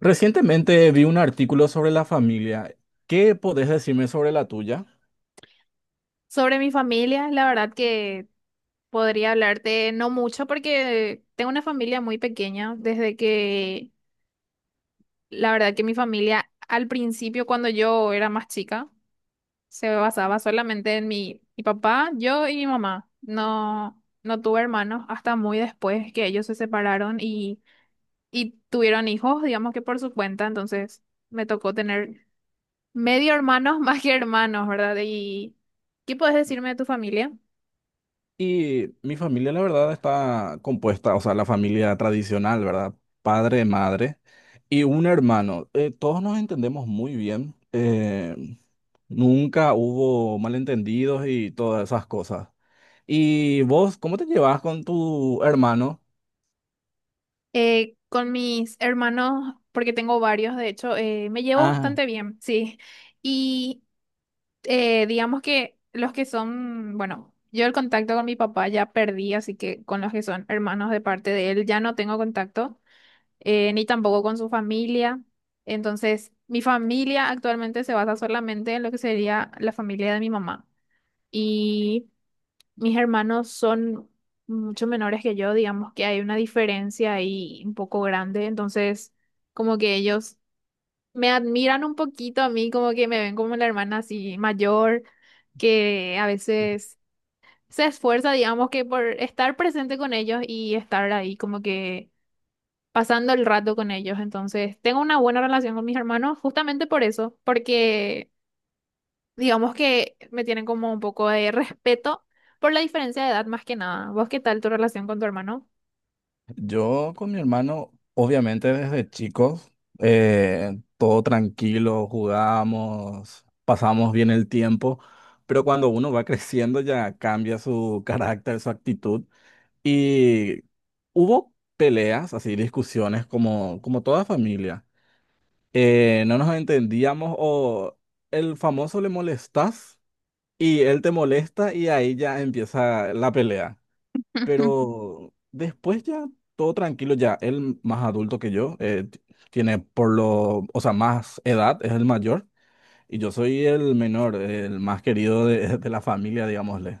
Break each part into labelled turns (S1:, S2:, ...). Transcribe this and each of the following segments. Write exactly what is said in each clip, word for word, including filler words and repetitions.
S1: Recientemente vi un artículo sobre la familia. ¿Qué podés decirme sobre la tuya?
S2: Sobre mi familia, la verdad que podría hablarte no mucho porque tengo una familia muy pequeña, desde que la verdad que mi familia al principio cuando yo era más chica se basaba solamente en mi, mi papá, yo y mi mamá. No, no tuve hermanos hasta muy después que ellos se separaron y, y tuvieron hijos, digamos que por su cuenta, entonces me tocó tener medio hermanos más que hermanos, ¿verdad? ¿Y qué puedes decirme de tu familia?
S1: Y mi familia, la verdad, está compuesta, o sea, la familia tradicional, ¿verdad? Padre, madre y un hermano. Eh, todos nos entendemos muy bien. eh, nunca hubo malentendidos y todas esas cosas. ¿Y vos, cómo te llevas con tu hermano?
S2: Eh, con mis hermanos, porque tengo varios, de hecho, eh, me llevo
S1: Ah.
S2: bastante bien, sí. Y eh, digamos que los que son, bueno, yo el contacto con mi papá ya perdí, así que con los que son hermanos de parte de él ya no tengo contacto, eh, ni tampoco con su familia. Entonces, mi familia actualmente se basa solamente en lo que sería la familia de mi mamá. Y mis hermanos son mucho menores que yo, digamos que hay una diferencia ahí un poco grande, entonces como que ellos me admiran un poquito a mí, como que me ven como la hermana así mayor, que a veces se esfuerza, digamos que por estar presente con ellos y estar ahí como que pasando el rato con ellos, entonces tengo una buena relación con mis hermanos justamente por eso, porque digamos que me tienen como un poco de respeto por la diferencia de edad más que nada. ¿Vos qué tal tu relación con tu hermano?
S1: Yo con mi hermano, obviamente desde chicos, eh, todo tranquilo, jugamos, pasamos bien el tiempo, pero cuando uno va creciendo ya cambia su carácter, su actitud. Y hubo peleas, así discusiones como, como toda familia. Eh, no nos entendíamos o el famoso le molestas y él te molesta y ahí ya empieza la pelea. Pero después ya, todo tranquilo, ya él más adulto que yo, eh, t- tiene por lo, o sea, más edad, es el mayor, y yo soy el menor, el más querido de, de la familia, digámosle.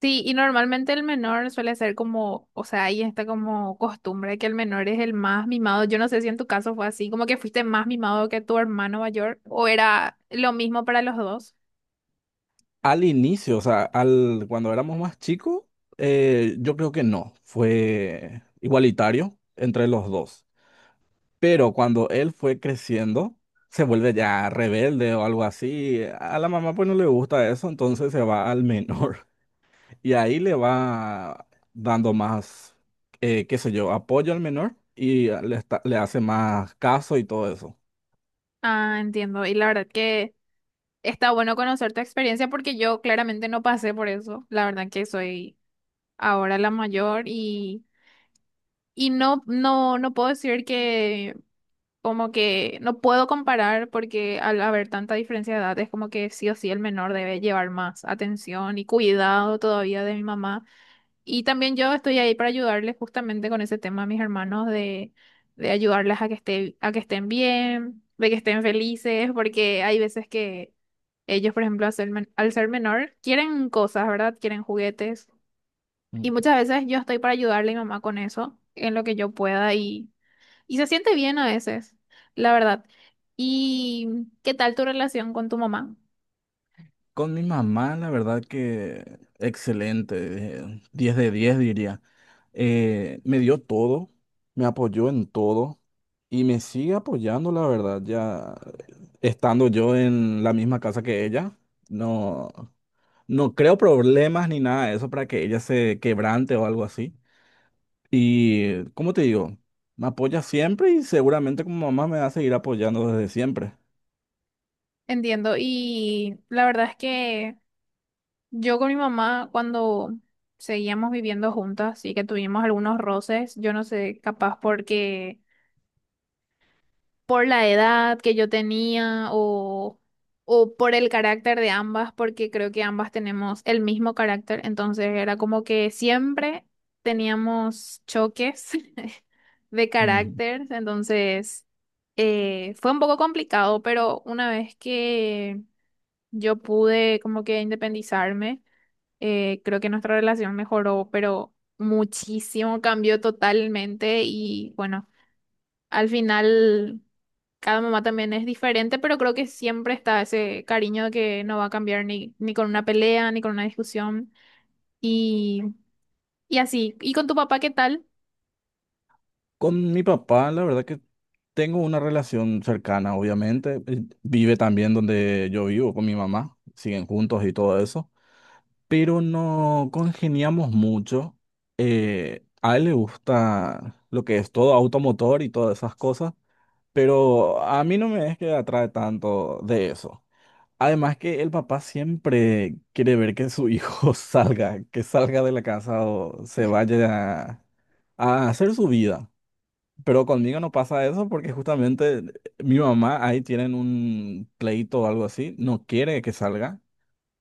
S2: Sí, y normalmente el menor suele ser como, o sea, ahí está como costumbre que el menor es el más mimado. Yo no sé si en tu caso fue así, como que fuiste más mimado que tu hermano mayor, o era lo mismo para los dos.
S1: Al inicio, o sea, al, cuando éramos más chicos, eh, yo creo que no, fue igualitario entre los dos. Pero cuando él fue creciendo, se vuelve ya rebelde o algo así. A la mamá pues no le gusta eso, entonces se va al menor. Y ahí le va dando más, eh, qué sé yo, apoyo al menor y le, está- le hace más caso y todo eso.
S2: Ah, entiendo. Y la verdad que está bueno conocer tu experiencia porque yo claramente no pasé por eso. La verdad que soy ahora la mayor. Y no, no, no puedo decir que como que no puedo comparar porque al haber tanta diferencia de edad es como que sí o sí el menor debe llevar más atención y cuidado todavía de mi mamá. Y también yo estoy ahí para ayudarles justamente con ese tema a mis hermanos de, de ayudarles a que esté, a que estén bien, de que estén felices, porque hay veces que ellos, por ejemplo, al ser, men- al ser menor, quieren cosas, ¿verdad? Quieren juguetes. Y
S1: Ujú.
S2: muchas veces yo estoy para ayudarle a mi mamá con eso, en lo que yo pueda y y se siente bien a veces, la verdad. ¿Y qué tal tu relación con tu mamá?
S1: Con mi mamá, la verdad que excelente, eh, diez de diez diría. Eh, me dio todo, me apoyó en todo y me sigue apoyando, la verdad, ya estando yo en la misma casa que ella. No, no creo problemas ni nada de eso para que ella se quebrante o algo así. Y, ¿cómo te digo? Me apoya siempre y seguramente como mamá me va a seguir apoyando desde siempre.
S2: Entiendo. Y la verdad es que yo con mi mamá, cuando seguíamos viviendo juntas y que tuvimos algunos roces, yo no sé, capaz porque por la edad que yo tenía o, o por el carácter de ambas, porque creo que ambas tenemos el mismo carácter, entonces era como que siempre teníamos choques de
S1: Ujú.
S2: carácter, entonces eh, fue un poco complicado, pero una vez que yo pude como que independizarme, eh, creo que nuestra relación mejoró, pero muchísimo, cambió totalmente y bueno. Al final cada mamá también es diferente, pero creo que siempre está ese cariño que no va a cambiar ni, ni con una pelea, ni con una discusión. Y, y así. ¿Y con tu papá qué tal?
S1: Con mi papá, la verdad que tengo una relación cercana, obviamente. Él vive también donde yo vivo con mi mamá, siguen juntos y todo eso, pero no congeniamos mucho. Eh, a él le gusta lo que es todo automotor y todas esas cosas, pero a mí no me es que atrae tanto de eso. Además que el papá siempre quiere ver que su hijo salga, que salga de la casa o se vaya a, a hacer su vida. Pero conmigo no pasa eso porque justamente mi mamá ahí tienen un pleito o algo así, no quiere que salga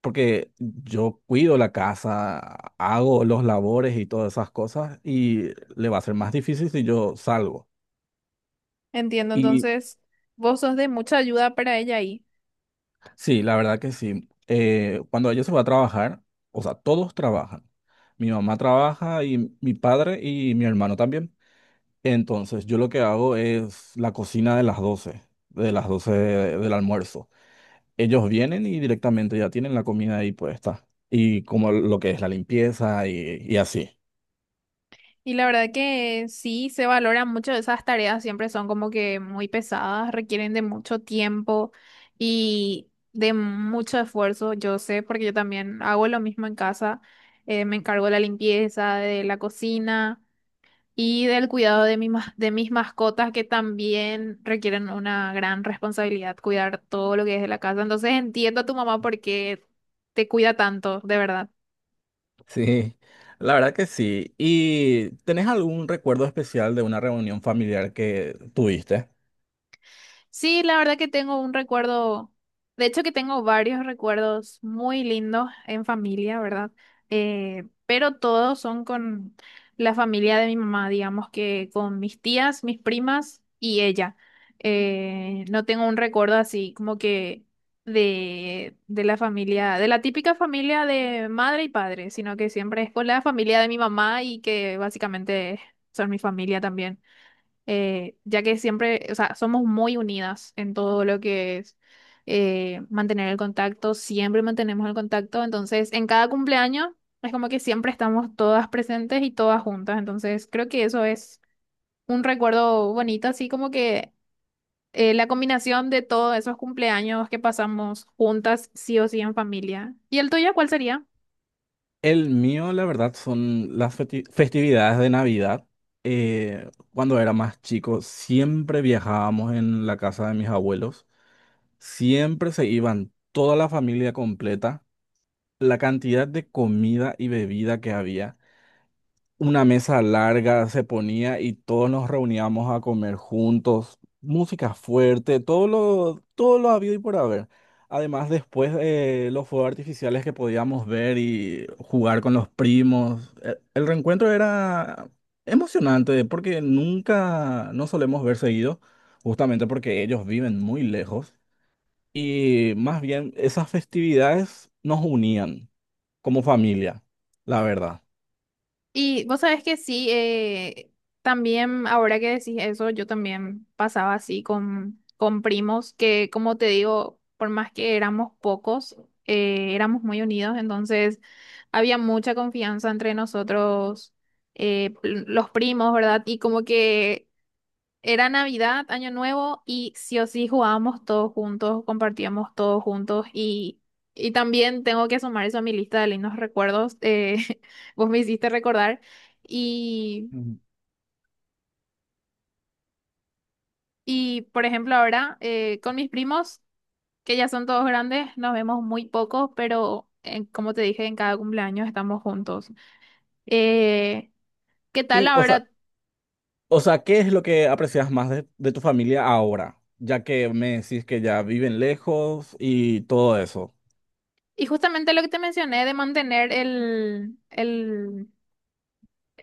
S1: porque yo cuido la casa, hago los labores y todas esas cosas y le va a ser más difícil si yo salgo.
S2: Entiendo, entonces vos sos de mucha ayuda para ella ahí.
S1: Sí, la verdad que sí. Eh, cuando ella se va a trabajar, o sea, todos trabajan. Mi mamá trabaja y mi padre y mi hermano también. Entonces, yo lo que hago es la cocina de las doce, de las doce de- del almuerzo. Ellos vienen y directamente ya tienen la comida ahí puesta. Y como lo que es la limpieza y, y así.
S2: Y la verdad que sí, se valoran mucho esas tareas, siempre son como que muy pesadas, requieren de mucho tiempo y de mucho esfuerzo. Yo sé, porque yo también hago lo mismo en casa, eh, me encargo de la limpieza, de la cocina. Y del cuidado de mi ma- de mis mascotas que también requieren una gran responsabilidad, cuidar todo lo que es de la casa. Entonces entiendo a tu mamá por qué te cuida tanto, de verdad.
S1: Sí, la verdad que sí. ¿Y tenés algún recuerdo especial de una reunión familiar que tuviste?
S2: Sí, la verdad que tengo un recuerdo, de hecho que tengo varios recuerdos muy lindos en familia, ¿verdad? Eh, pero todos son con la familia de mi mamá, digamos que con mis tías, mis primas y ella. Eh, no tengo un recuerdo así como que de, de la familia, de la típica familia de madre y padre, sino que siempre es con la familia de mi mamá y que básicamente son mi familia también eh, ya que siempre, o sea, somos muy unidas en todo lo que es eh, mantener el contacto, siempre mantenemos el contacto, entonces en cada cumpleaños es como que siempre estamos todas presentes y todas juntas, entonces creo que eso es un recuerdo bonito, así como que eh, la combinación de todos esos cumpleaños que pasamos juntas, sí o sí en familia. ¿Y el tuyo cuál sería?
S1: El mío, la verdad, son las festi- festividades de Navidad. Eh, cuando era más chico, siempre viajábamos en la casa de mis abuelos. Siempre se iban toda la familia completa. La cantidad de comida y bebida que había una mesa larga se ponía y todos nos reuníamos a comer juntos, música fuerte, todo lo, todo lo habido y por haber. Además, después eh, los fuegos artificiales que podíamos ver y jugar con los primos, E- el reencuentro era emocionante porque nunca no solemos ver seguido, justamente porque ellos viven muy lejos y más bien esas festividades nos unían como familia, la verdad.
S2: Y vos sabés que sí, eh, también ahora que decís eso, yo también pasaba así con, con primos que, como te digo, por más que éramos pocos, eh, éramos muy unidos, entonces había mucha confianza entre nosotros, eh, pl- los primos, ¿verdad? Y como que era Navidad, Año Nuevo y sí o sí jugábamos todos juntos, compartíamos todos juntos y, y también tengo que sumar eso a mi lista de lindos recuerdos. eh, vos me hiciste recordar y,
S1: Ujú.
S2: y por ejemplo ahora eh, con mis primos, que ya son todos grandes, nos vemos muy poco, pero eh, como te dije, en cada cumpleaños estamos juntos. Eh, ¿Qué tal
S1: Y, o sea,
S2: ahora?
S1: O sea, ¿qué es lo que aprecias más de, de tu familia ahora? Ya que me decís que ya viven lejos y todo eso.
S2: Y justamente lo que te mencioné de mantener el, el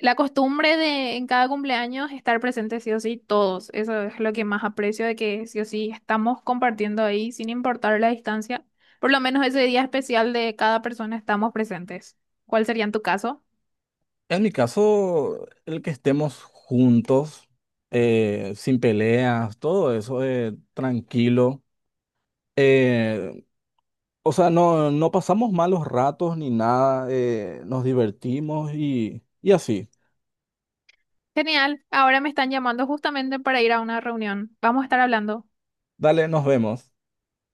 S2: la costumbre de en cada cumpleaños estar presentes sí o sí todos, eso es lo que más aprecio de que sí o sí estamos compartiendo ahí sin importar la distancia. Por lo menos ese día especial de cada persona estamos presentes. ¿Cuál sería en tu caso?
S1: En mi caso, el que estemos juntos, eh, sin peleas, todo eso, eh, tranquilo. Eh, o sea, no, no pasamos malos ratos ni nada, eh, nos divertimos y, y así.
S2: Genial, ahora me están llamando justamente para ir a una reunión. Vamos a estar hablando.
S1: Dale, nos vemos.